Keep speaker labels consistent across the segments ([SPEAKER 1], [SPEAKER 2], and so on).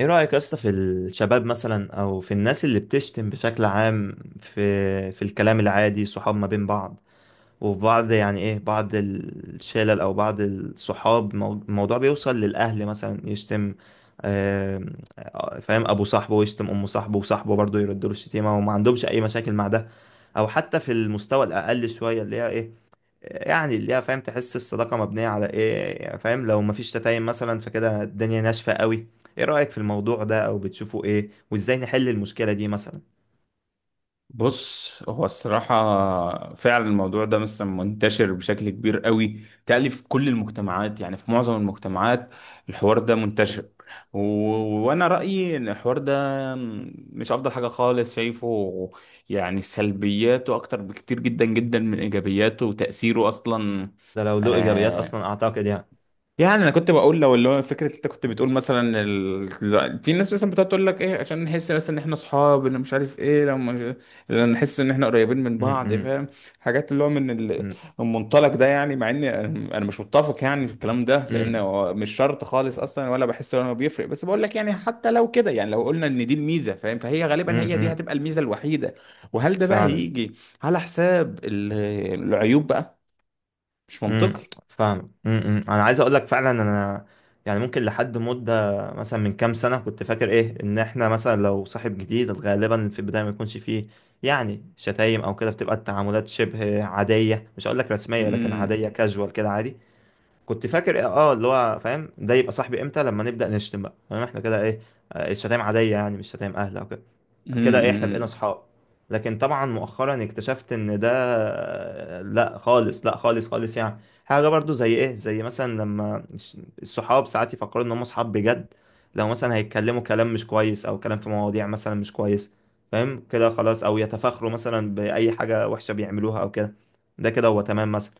[SPEAKER 1] ايه رأيك يا اسطى في الشباب مثلا، او في الناس اللي بتشتم بشكل عام، في الكلام العادي، صحاب ما بين بعض، وفي بعض، يعني ايه، بعض الشلل او بعض الصحاب، الموضوع بيوصل للاهل مثلا يشتم. آم، فاهم، ابو صاحبه ويشتم ام صاحبه، وصاحبه برضه يرد له الشتيمه، وما عندهمش اي مشاكل مع ده. او حتى في المستوى الاقل شويه، اللي هي ايه، يعني اللي هي، فاهم، تحس الصداقة مبنية على ايه يعني، فاهم، لو مفيش تدين مثلا فكده الدنيا ناشفة قوي. ايه رأيك في الموضوع ده، او بتشوفه ايه، وازاي نحل المشكلة دي مثلا؟
[SPEAKER 2] بص، هو الصراحة فعلا الموضوع ده مثلا منتشر بشكل كبير قوي. تقلي في كل المجتمعات، يعني في معظم المجتمعات الحوار ده منتشر و... وأنا رأيي إن الحوار ده مش أفضل حاجة خالص شايفه. يعني سلبياته أكتر بكتير جدا جدا من إيجابياته وتأثيره أصلا.
[SPEAKER 1] ده لو له ايجابيات اصلا
[SPEAKER 2] آه،
[SPEAKER 1] اعتقد، يعني.
[SPEAKER 2] يعني انا كنت بقول لو اللي هو فكره، انت كنت بتقول مثلا في ناس مثلا بتقعد تقول لك ايه، عشان نحس مثلا ان احنا اصحاب، ان مش عارف ايه. لو مش... لو نحس ان احنا قريبين من
[SPEAKER 1] م-.
[SPEAKER 2] بعض،
[SPEAKER 1] م-.
[SPEAKER 2] فاهم، حاجات اللي هو
[SPEAKER 1] م-.
[SPEAKER 2] المنطلق ده. يعني مع اني انا مش متفق يعني في الكلام ده، لان
[SPEAKER 1] م-.
[SPEAKER 2] هو مش شرط خالص اصلا، ولا بحس ان هو بيفرق، بس بقول لك يعني حتى لو كده، يعني لو قلنا ان دي الميزه فاهم، فهي
[SPEAKER 1] م-.
[SPEAKER 2] غالبا هي دي
[SPEAKER 1] م-.
[SPEAKER 2] هتبقى الميزه الوحيده. وهل ده بقى
[SPEAKER 1] فعلا.
[SPEAKER 2] هيجي على حساب العيوب بقى؟ مش منطقي.
[SPEAKER 1] فاهم. انا عايز اقول لك فعلا، انا يعني ممكن لحد مده مثلا من كام سنه كنت فاكر ايه، ان احنا مثلا لو صاحب جديد غالبا في البدايه ما يكونش فيه يعني شتايم او كده، بتبقى التعاملات شبه عاديه، مش هقول لك رسميه لكن عاديه، كاجوال كده، عادي. كنت فاكر ايه، اه، اللي هو فاهم، ده يبقى صاحبي امتى؟ لما نبدا نشتم بقى، فاهم، احنا كده ايه، الشتايم عاديه، يعني مش شتايم اهل او كده. كده احنا
[SPEAKER 2] امم.
[SPEAKER 1] بقينا صحاب. لكن طبعا مؤخرا اكتشفت ان ده لا خالص، لا خالص خالص. يعني حاجة برضو زي ايه، زي مثلا لما الصحاب ساعات يفكروا ان هم صحاب بجد لو مثلا هيتكلموا كلام مش كويس، او كلام في مواضيع مثلا مش كويس، فاهم كده، خلاص، او يتفاخروا مثلا بأي حاجة وحشة بيعملوها او كده، ده كده هو تمام مثلا.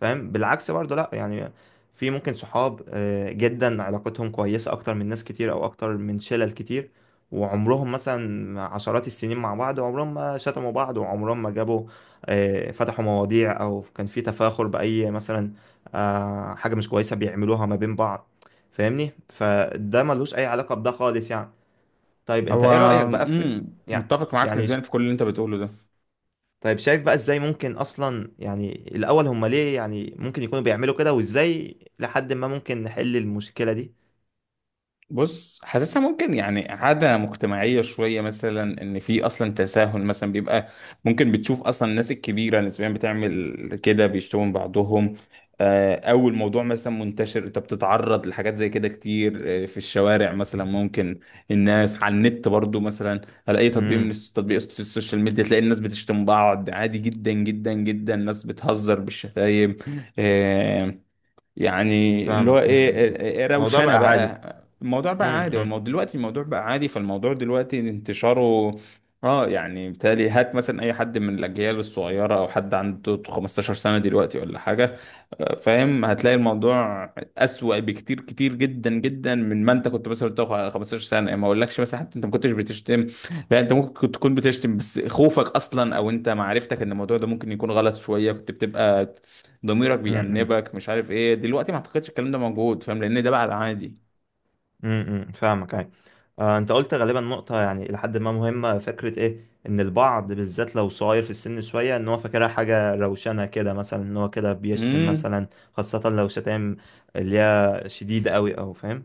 [SPEAKER 1] فاهم، بالعكس برضه، لا يعني. في ممكن صحاب جدا علاقتهم كويسة اكتر من ناس كتير، او اكتر من شلل كتير، وعمرهم مثلا عشرات السنين مع بعض، وعمرهم ما شتموا بعض، وعمرهم ما جابوا فتحوا مواضيع، او كان في تفاخر بأي مثلا حاجة مش كويسة بيعملوها ما بين بعض. فاهمني، فده ملوش اي علاقة بده خالص يعني. طيب انت
[SPEAKER 2] هو،
[SPEAKER 1] ايه رأيك بقى في،
[SPEAKER 2] امم،
[SPEAKER 1] يعني
[SPEAKER 2] متفق معاك
[SPEAKER 1] يعني
[SPEAKER 2] نسبيا في كل اللي انت بتقوله ده.
[SPEAKER 1] طيب شايف بقى ازاي ممكن اصلا، يعني الاول هم ليه يعني ممكن يكونوا بيعملوا كده، وازاي لحد ما ممكن نحل المشكلة دي؟
[SPEAKER 2] بص، حاسسها ممكن يعني عادة مجتمعية شوية مثلا، ان في اصلا تساهل مثلا بيبقى ممكن. بتشوف اصلا الناس الكبيرة نسبيا بتعمل كده، بيشتموا من بعضهم. او الموضوع مثلا منتشر، انت بتتعرض لحاجات زي كده كتير، في الشوارع مثلا ممكن، الناس على النت برضو مثلا، على اي تطبيق من
[SPEAKER 1] امم
[SPEAKER 2] السوشيال ميديا، تلاقي الناس بتشتم بعض عادي جدا جدا جدا، ناس بتهزر بالشتايم. آه، يعني اللي هو
[SPEAKER 1] فاهمك.
[SPEAKER 2] ايه، إيه إيه،
[SPEAKER 1] الموضوع بقى
[SPEAKER 2] روشنه
[SPEAKER 1] عادي.
[SPEAKER 2] بقى. الموضوع بقى
[SPEAKER 1] امم.
[SPEAKER 2] عادي، هو
[SPEAKER 1] امم.
[SPEAKER 2] الموضوع دلوقتي، الموضوع بقى عادي، فالموضوع دلوقتي انتشاره اه. يعني بالتالي هات مثلا اي حد من الاجيال الصغيره، او حد عنده 15 سنه دلوقتي ولا حاجه، فاهم، هتلاقي الموضوع اسوأ بكتير كتير جدا جدا من ما انت كنت مثلا بتاخد 15 سنه. يعني ما اقولكش مثلا حتى انت ما كنتش بتشتم، لا، انت ممكن كنت تكون بتشتم، بس خوفك اصلا، او انت معرفتك ان الموضوع ده ممكن يكون غلط شويه، كنت بتبقى ضميرك
[SPEAKER 1] امم امم،
[SPEAKER 2] بيأنبك، مش عارف ايه. دلوقتي ما اعتقدش الكلام ده موجود، فاهم، لان ده بقى العادي.
[SPEAKER 1] فاهمك يعني. آه، انت قلت غالبا نقطة يعني لحد ما مهمة، فكرة ايه، ان البعض بالذات لو صغير في السن شوية، ان هو فاكرها حاجة روشنة كده مثلا، ان هو كده بيشتم
[SPEAKER 2] امم،
[SPEAKER 1] مثلا، خاصة لو شتائم اللي هي شديدة قوي او فاهم.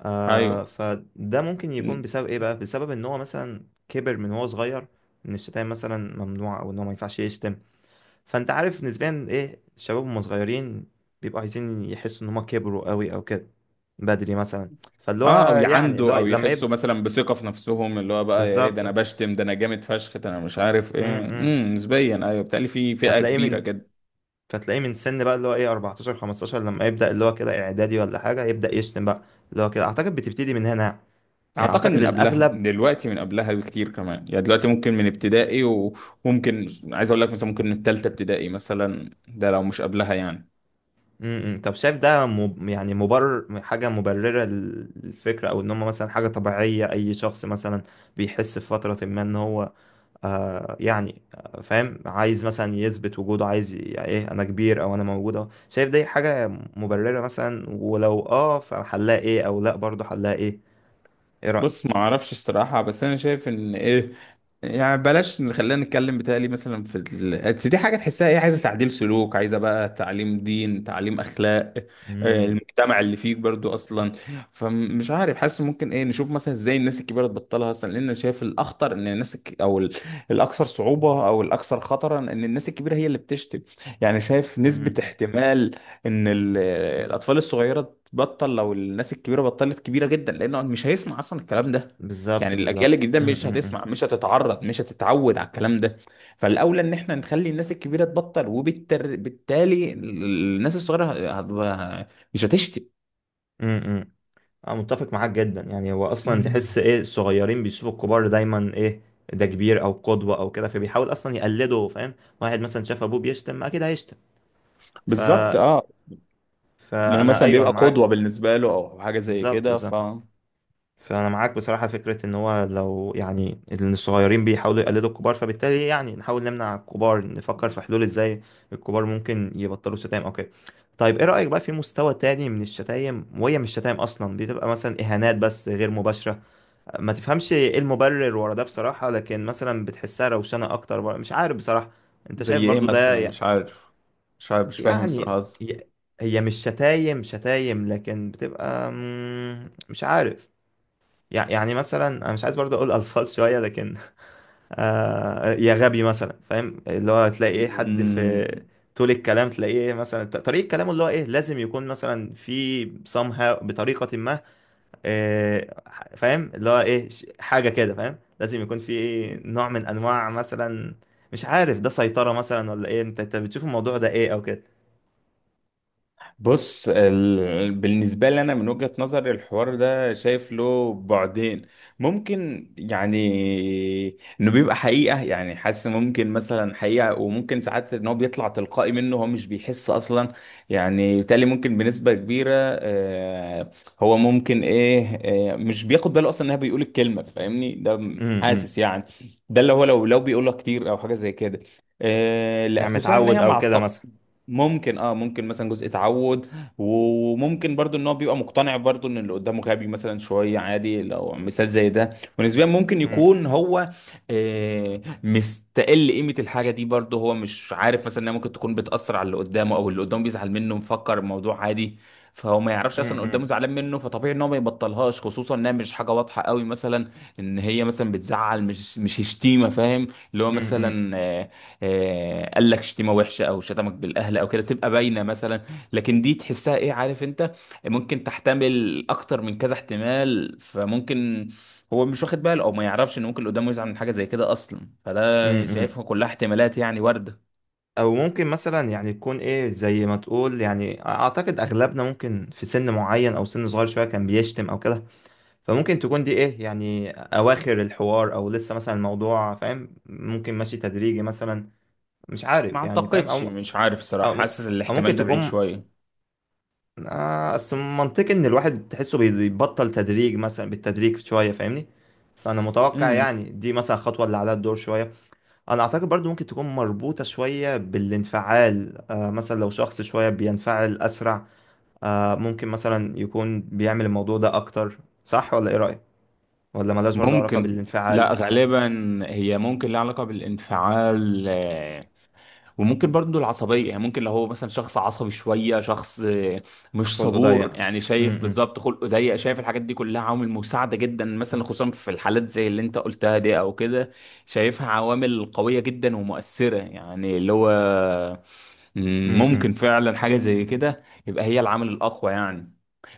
[SPEAKER 1] آه،
[SPEAKER 2] ايوه.
[SPEAKER 1] فده ممكن يكون
[SPEAKER 2] مم.
[SPEAKER 1] بسبب ايه بقى، بسبب ان هو مثلا كبر، من هو صغير ان الشتايم مثلا ممنوع، او ان هو ما ينفعش يشتم. فانت عارف، نسبيا ايه، الشباب هم صغيرين بيبقوا عايزين يحسوا ان هم كبروا قوي او كده، بدري مثلا. فاللي هو،
[SPEAKER 2] اه، او
[SPEAKER 1] يعني اللي هو
[SPEAKER 2] يعندوا او
[SPEAKER 1] لما
[SPEAKER 2] يحسوا
[SPEAKER 1] يبدأ،
[SPEAKER 2] مثلا بثقة في نفسهم، اللي هو بقى ايه، ده
[SPEAKER 1] بالظبط
[SPEAKER 2] انا
[SPEAKER 1] اه.
[SPEAKER 2] بشتم، ده انا جامد فشخ، ده انا مش عارف
[SPEAKER 1] م-.
[SPEAKER 2] ايه.
[SPEAKER 1] م-.
[SPEAKER 2] امم، نسبيا ايوه، بتقلي في فئة
[SPEAKER 1] فتلاقيه
[SPEAKER 2] كبيرة
[SPEAKER 1] من،
[SPEAKER 2] كده.
[SPEAKER 1] فتلاقيه من سن بقى، اللي هو ايه، 14 15، لما يبدأ اللي هو كده اعدادي ولا حاجة، يبدأ يشتم بقى، اللي هو كده اعتقد بتبتدي من هنا، يعني
[SPEAKER 2] اعتقد
[SPEAKER 1] اعتقد
[SPEAKER 2] من قبلها،
[SPEAKER 1] الاغلب.
[SPEAKER 2] دلوقتي من قبلها بكتير كمان. يعني دلوقتي ممكن من ابتدائي، وممكن عايز اقول لك مثلا ممكن من تالتة ابتدائي مثلا، ده لو مش قبلها يعني.
[SPEAKER 1] طب شايف ده يعني مبرر؟ حاجة مبررة للفكرة، أو إن هم مثلا حاجة طبيعية؟ أي شخص مثلا بيحس في فترة ما إن هو يعني فاهم، عايز مثلا يثبت وجوده، عايز يعني إيه، أنا كبير أو أنا موجود أهو. شايف دي حاجة مبررة مثلا؟ ولو أه فحلها إيه، أو لأ برضه حلها إيه؟ إيه رأيك؟
[SPEAKER 2] بص، ما اعرفش الصراحة، بس انا شايف ان ايه، يعني بلاش، خلينا نتكلم. بتهيألي مثلا في بس دي حاجة تحسها ايه، عايزة تعديل سلوك، عايزة بقى تعليم دين، تعليم أخلاق،
[SPEAKER 1] امم.
[SPEAKER 2] المجتمع اللي فيك برضو أصلا. فمش عارف، حاسس ممكن ايه نشوف مثلا ازاي الناس الكبيرة تبطلها أصلا، لأن أنا شايف الأخطر إن الناس الأكثر صعوبة أو الأكثر خطرا، إن الناس الكبيرة هي اللي بتشتم. يعني شايف نسبة
[SPEAKER 1] امم.
[SPEAKER 2] احتمال إن الأطفال الصغيرة تبطل لو الناس الكبيرة بطلت كبيرة جدا، لأنه مش هيسمع أصلا الكلام ده.
[SPEAKER 1] بالظبط،
[SPEAKER 2] يعني الاجيال
[SPEAKER 1] بالظبط.
[SPEAKER 2] الجديده مش هتسمع، مش هتتعرض، مش هتتعود على الكلام ده. فالاولى ان احنا نخلي الناس الكبيره تبطل، وبالتالي الناس الصغيره مش هتشتي.
[SPEAKER 1] امم. انا متفق معاك جدا يعني. هو اصلا تحس ايه، الصغيرين بيشوفوا الكبار دايما ايه، ده كبير او قدوة او كده، فبيحاول اصلا يقلده فاهم. واحد مثلا شاف ابوه بيشتم اكيد هيشتم. ف،
[SPEAKER 2] بالظبط، اه. لانه
[SPEAKER 1] فانا
[SPEAKER 2] مثلا
[SPEAKER 1] ايوه، انا
[SPEAKER 2] بيبقى
[SPEAKER 1] معاك.
[SPEAKER 2] قدوه بالنسبه له، او حاجه زي
[SPEAKER 1] بالظبط،
[SPEAKER 2] كده،
[SPEAKER 1] بس
[SPEAKER 2] ف،
[SPEAKER 1] فانا معاك بصراحة، فكرة ان هو لو يعني ان الصغيرين بيحاولوا يقلدوا الكبار، فبالتالي يعني نحاول نمنع الكبار، نفكر في حلول ازاي الكبار ممكن يبطلوا شتايم او كده. طيب ايه رأيك بقى في مستوى تاني من الشتايم، وهي مش شتايم اصلا، بتبقى مثلا اهانات، بس غير مباشرة. ما تفهمش ايه المبرر ورا ده بصراحة، لكن مثلا بتحسها روشنة اكتر، مش عارف بصراحة. انت شايف
[SPEAKER 2] زي ايه
[SPEAKER 1] برضو ده
[SPEAKER 2] مثلا؟ مش عارف. مش عارف، مش فاهم
[SPEAKER 1] يعني ي- هي مش شتايم شتايم، لكن بتبقى مش عارف. يعني مثلا، انا مش عايز برضو اقول الفاظ شوية، لكن
[SPEAKER 2] صراحه.
[SPEAKER 1] يا غبي مثلا، فاهم، اللي هو تلاقي ايه حد في طول الكلام تلاقيه مثلا، طريقة كلامه اللي هو ايه، لازم يكون مثلا في somehow، بطريقة ما إيه، فاهم، اللي هو ايه، حاجة كده، فاهم، لازم يكون في نوع من انواع مثلا، مش عارف، ده سيطرة مثلا ولا ايه؟ انت بتشوف الموضوع ده ايه او كده؟
[SPEAKER 2] بص، بالنسبة لي أنا، من وجهة نظري الحوار ده شايف له بعدين. ممكن يعني إنه بيبقى حقيقة، يعني حاسس ممكن مثلا حقيقة، وممكن ساعات إن هو بيطلع تلقائي منه، هو مش بيحس أصلا. يعني بالتالي ممكن بنسبة كبيرة، هو ممكن إيه، مش بياخد باله أصلا إنها بيقول الكلمة، فاهمني،
[SPEAKER 1] امم.
[SPEAKER 2] حاسس يعني. ده اللي هو لو بيقولها كتير أو حاجة زي كده. لا،
[SPEAKER 1] يعني
[SPEAKER 2] خصوصا إن
[SPEAKER 1] متعود
[SPEAKER 2] هي
[SPEAKER 1] او
[SPEAKER 2] مع
[SPEAKER 1] كده
[SPEAKER 2] الطبع،
[SPEAKER 1] مثلا.
[SPEAKER 2] ممكن اه، ممكن مثلا جزء تعود. وممكن برضو ان هو بيبقى مقتنع برضو ان اللي قدامه غبي مثلا شوية، عادي لو مثال زي ده. ونسبيا ممكن
[SPEAKER 1] امم.
[SPEAKER 2] يكون هو مستقل قيمة الحاجة دي برضو، هو مش عارف مثلا انها ممكن تكون بتأثر على اللي قدامه، او اللي قدامه بيزعل منه، مفكر الموضوع عادي. فهو ما يعرفش اصلا اللي قدامه
[SPEAKER 1] امم.
[SPEAKER 2] زعلان منه، فطبيعي ان هو ما يبطلهاش، خصوصا انها مش حاجة واضحة قوي مثلا، ان هي مثلا بتزعل، مش شتيمة فاهم. اللي هو
[SPEAKER 1] امم.
[SPEAKER 2] مثلا قال لك شتيمه وحشه او شتمك بالاهل او كده، تبقى باينه مثلا. لكن دي تحسها ايه، عارف انت، ممكن تحتمل اكتر من كذا احتمال. فممكن هو مش واخد باله، او ما يعرفش ان ممكن اللي قدامه يزعل من حاجه زي كده اصلا. فده
[SPEAKER 1] امم.
[SPEAKER 2] شايفها كلها احتمالات يعني وارده.
[SPEAKER 1] او ممكن مثلا يعني يكون ايه، زي ما تقول يعني، اعتقد اغلبنا ممكن في سن معين او سن صغير شوية كان بيشتم او كده، فممكن تكون دي ايه يعني اواخر الحوار، او لسه مثلا الموضوع، فاهم، ممكن ماشي تدريجي مثلا، مش
[SPEAKER 2] ما
[SPEAKER 1] عارف يعني، فاهم،
[SPEAKER 2] اعتقدش،
[SPEAKER 1] او،
[SPEAKER 2] مش عارف صراحه،
[SPEAKER 1] أو
[SPEAKER 2] حاسس
[SPEAKER 1] أو ممكن
[SPEAKER 2] الاحتمال ده بعيد
[SPEAKER 1] تكون،
[SPEAKER 2] شويه.
[SPEAKER 1] أصل منطقي إن الواحد تحسه بيبطل تدريج مثلا، بالتدريج شوية، فاهمني، فأنا متوقع
[SPEAKER 2] امم.
[SPEAKER 1] يعني دي مثلا خطوة اللي عليها الدور شوية. أنا أعتقد برضو ممكن تكون مربوطة شوية بالانفعال. مثلا لو شخص شوية بينفعل أسرع، ممكن مثلا يكون بيعمل الموضوع ده أكتر. صح ولا إيه رأيك؟ ولا ملهاش برضو علاقة
[SPEAKER 2] ممكن،
[SPEAKER 1] بالانفعال؟
[SPEAKER 2] لا غالبا هي ممكن لها علاقه بالانفعال، وممكن برضه العصبية. يعني ممكن لو هو مثلا شخص عصبي شوية، شخص مش
[SPEAKER 1] خلقه ضيق.
[SPEAKER 2] صبور، يعني
[SPEAKER 1] م-.
[SPEAKER 2] شايف،
[SPEAKER 1] م-.
[SPEAKER 2] بالظبط، خلقه ضيق، شايف الحاجات دي كلها عوامل مساعدة جدا مثلا، خصوصا في الحالات زي اللي انت قلتها دي او كده. شايفها عوامل قوية جدا ومؤثرة. يعني اللي هو
[SPEAKER 1] م-.
[SPEAKER 2] ممكن
[SPEAKER 1] م-.
[SPEAKER 2] فعلا حاجة زي كده يبقى هي العامل الأقوى يعني.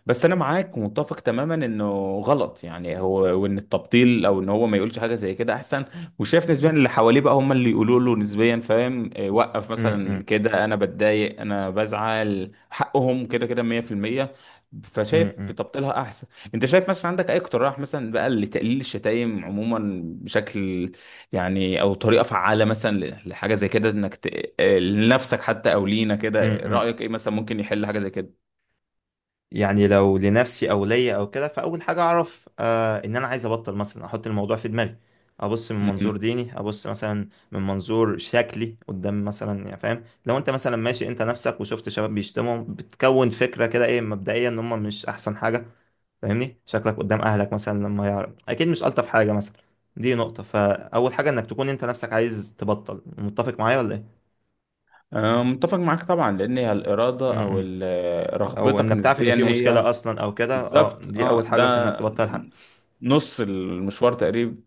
[SPEAKER 2] بس انا معاك، ومتفق تماما انه غلط، يعني هو، وان التبطيل او ان هو ما يقولش حاجه زي كده احسن. وشايف نسبيا اللي حواليه بقى هم اللي يقولوا له نسبيا، فاهم، وقف مثلا
[SPEAKER 1] م-.
[SPEAKER 2] كده، انا بتضايق، انا بزعل، حقهم كده كده 100%.
[SPEAKER 1] م-.
[SPEAKER 2] فشايف
[SPEAKER 1] م-.
[SPEAKER 2] تبطيلها احسن. انت شايف مثلا عندك اي اقتراح مثلا بقى لتقليل الشتايم عموما، بشكل يعني، او طريقه فعاله مثلا لحاجه زي كده، انك لنفسك حتى او لينا كده؟
[SPEAKER 1] م-. م-.
[SPEAKER 2] رايك ايه مثلا ممكن يحل حاجه زي كده؟
[SPEAKER 1] يعني لو لنفسي او ليا او كده، فاول حاجه اعرف ان انا عايز ابطل، مثلا احط الموضوع في دماغي، ابص من منظور ديني، ابص مثلا من منظور شكلي قدام مثلا، يعني فاهم، لو انت مثلا ماشي انت نفسك وشفت شباب بيشتموا، بتكون فكره كده ايه مبدئيا، ان هم مش احسن حاجه. فاهمني، شكلك قدام اهلك مثلا لما يعرف، اكيد مش الطف حاجه مثلا. دي نقطه، فاول حاجه انك تكون انت نفسك عايز تبطل. متفق معايا ولا ايه؟
[SPEAKER 2] أنا متفق معاك طبعا، لأن هي الإرادة
[SPEAKER 1] م-.
[SPEAKER 2] أو
[SPEAKER 1] م-. او
[SPEAKER 2] رغبتك
[SPEAKER 1] انك تعرف ان
[SPEAKER 2] نسبيا
[SPEAKER 1] في
[SPEAKER 2] هي
[SPEAKER 1] مشكله اصلا او كده، اه،
[SPEAKER 2] بالظبط،
[SPEAKER 1] دي
[SPEAKER 2] اه،
[SPEAKER 1] اول حاجه في
[SPEAKER 2] ده
[SPEAKER 1] انك تبطل.
[SPEAKER 2] نص المشوار تقريبا.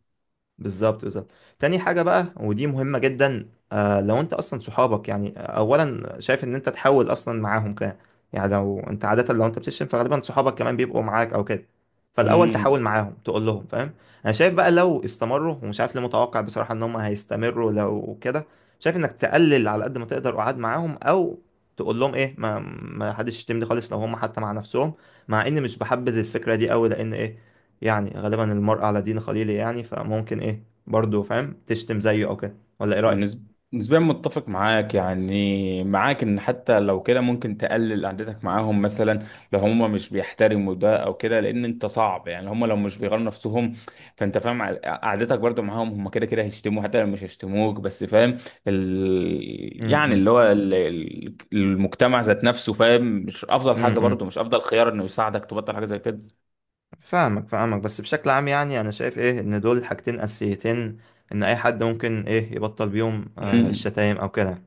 [SPEAKER 1] بالظبط، بالظبط. تاني حاجة بقى، ودي مهمة جدا، لو انت اصلا صحابك يعني، اولا شايف ان انت تحاول اصلا معاهم كده. يعني لو انت عادة، لو انت بتشتم فغالبا صحابك كمان بيبقوا معاك او كده، فالاول
[SPEAKER 2] مم.
[SPEAKER 1] تحاول معاهم، تقول لهم فاهم. انا شايف بقى لو استمروا، ومش عارف ليه، متوقع بصراحة ان هم هيستمروا، لو كده شايف انك تقلل على قد ما تقدر قعاد معاهم، او تقول لهم ايه، ما حدش يشتمني خالص، لو هم حتى مع نفسهم. مع اني مش بحبذ الفكرة دي قوي، لان ايه، يعني غالبا المرء على دين خليله يعني، فممكن ايه برضه فاهم تشتم زيه او كده. ولا ايه رأيك؟
[SPEAKER 2] نسب- نسبيا متفق معاك، يعني معاك ان حتى لو كده ممكن تقلل قعدتك معاهم مثلا، لو هم مش بيحترموا ده او كده، لان انت صعب يعني هم لو مش بيغيروا نفسهم، فانت فاهم قعدتك برضو معاهم، هم كده كده هيشتموا حتى لو مش هيشتموك. بس فاهم، يعني
[SPEAKER 1] امم.
[SPEAKER 2] اللي هو المجتمع ذات نفسه، فاهم، مش افضل حاجة
[SPEAKER 1] امم.
[SPEAKER 2] برضو، مش افضل خيار انه يساعدك تبطل حاجة زي
[SPEAKER 1] فاهمك، فاهمك. بس بشكل عام يعني، انا شايف ايه، ان دول حاجتين اساسيتين ان اي حد ممكن ايه يبطل بيهم
[SPEAKER 2] كده.
[SPEAKER 1] الشتايم او كده.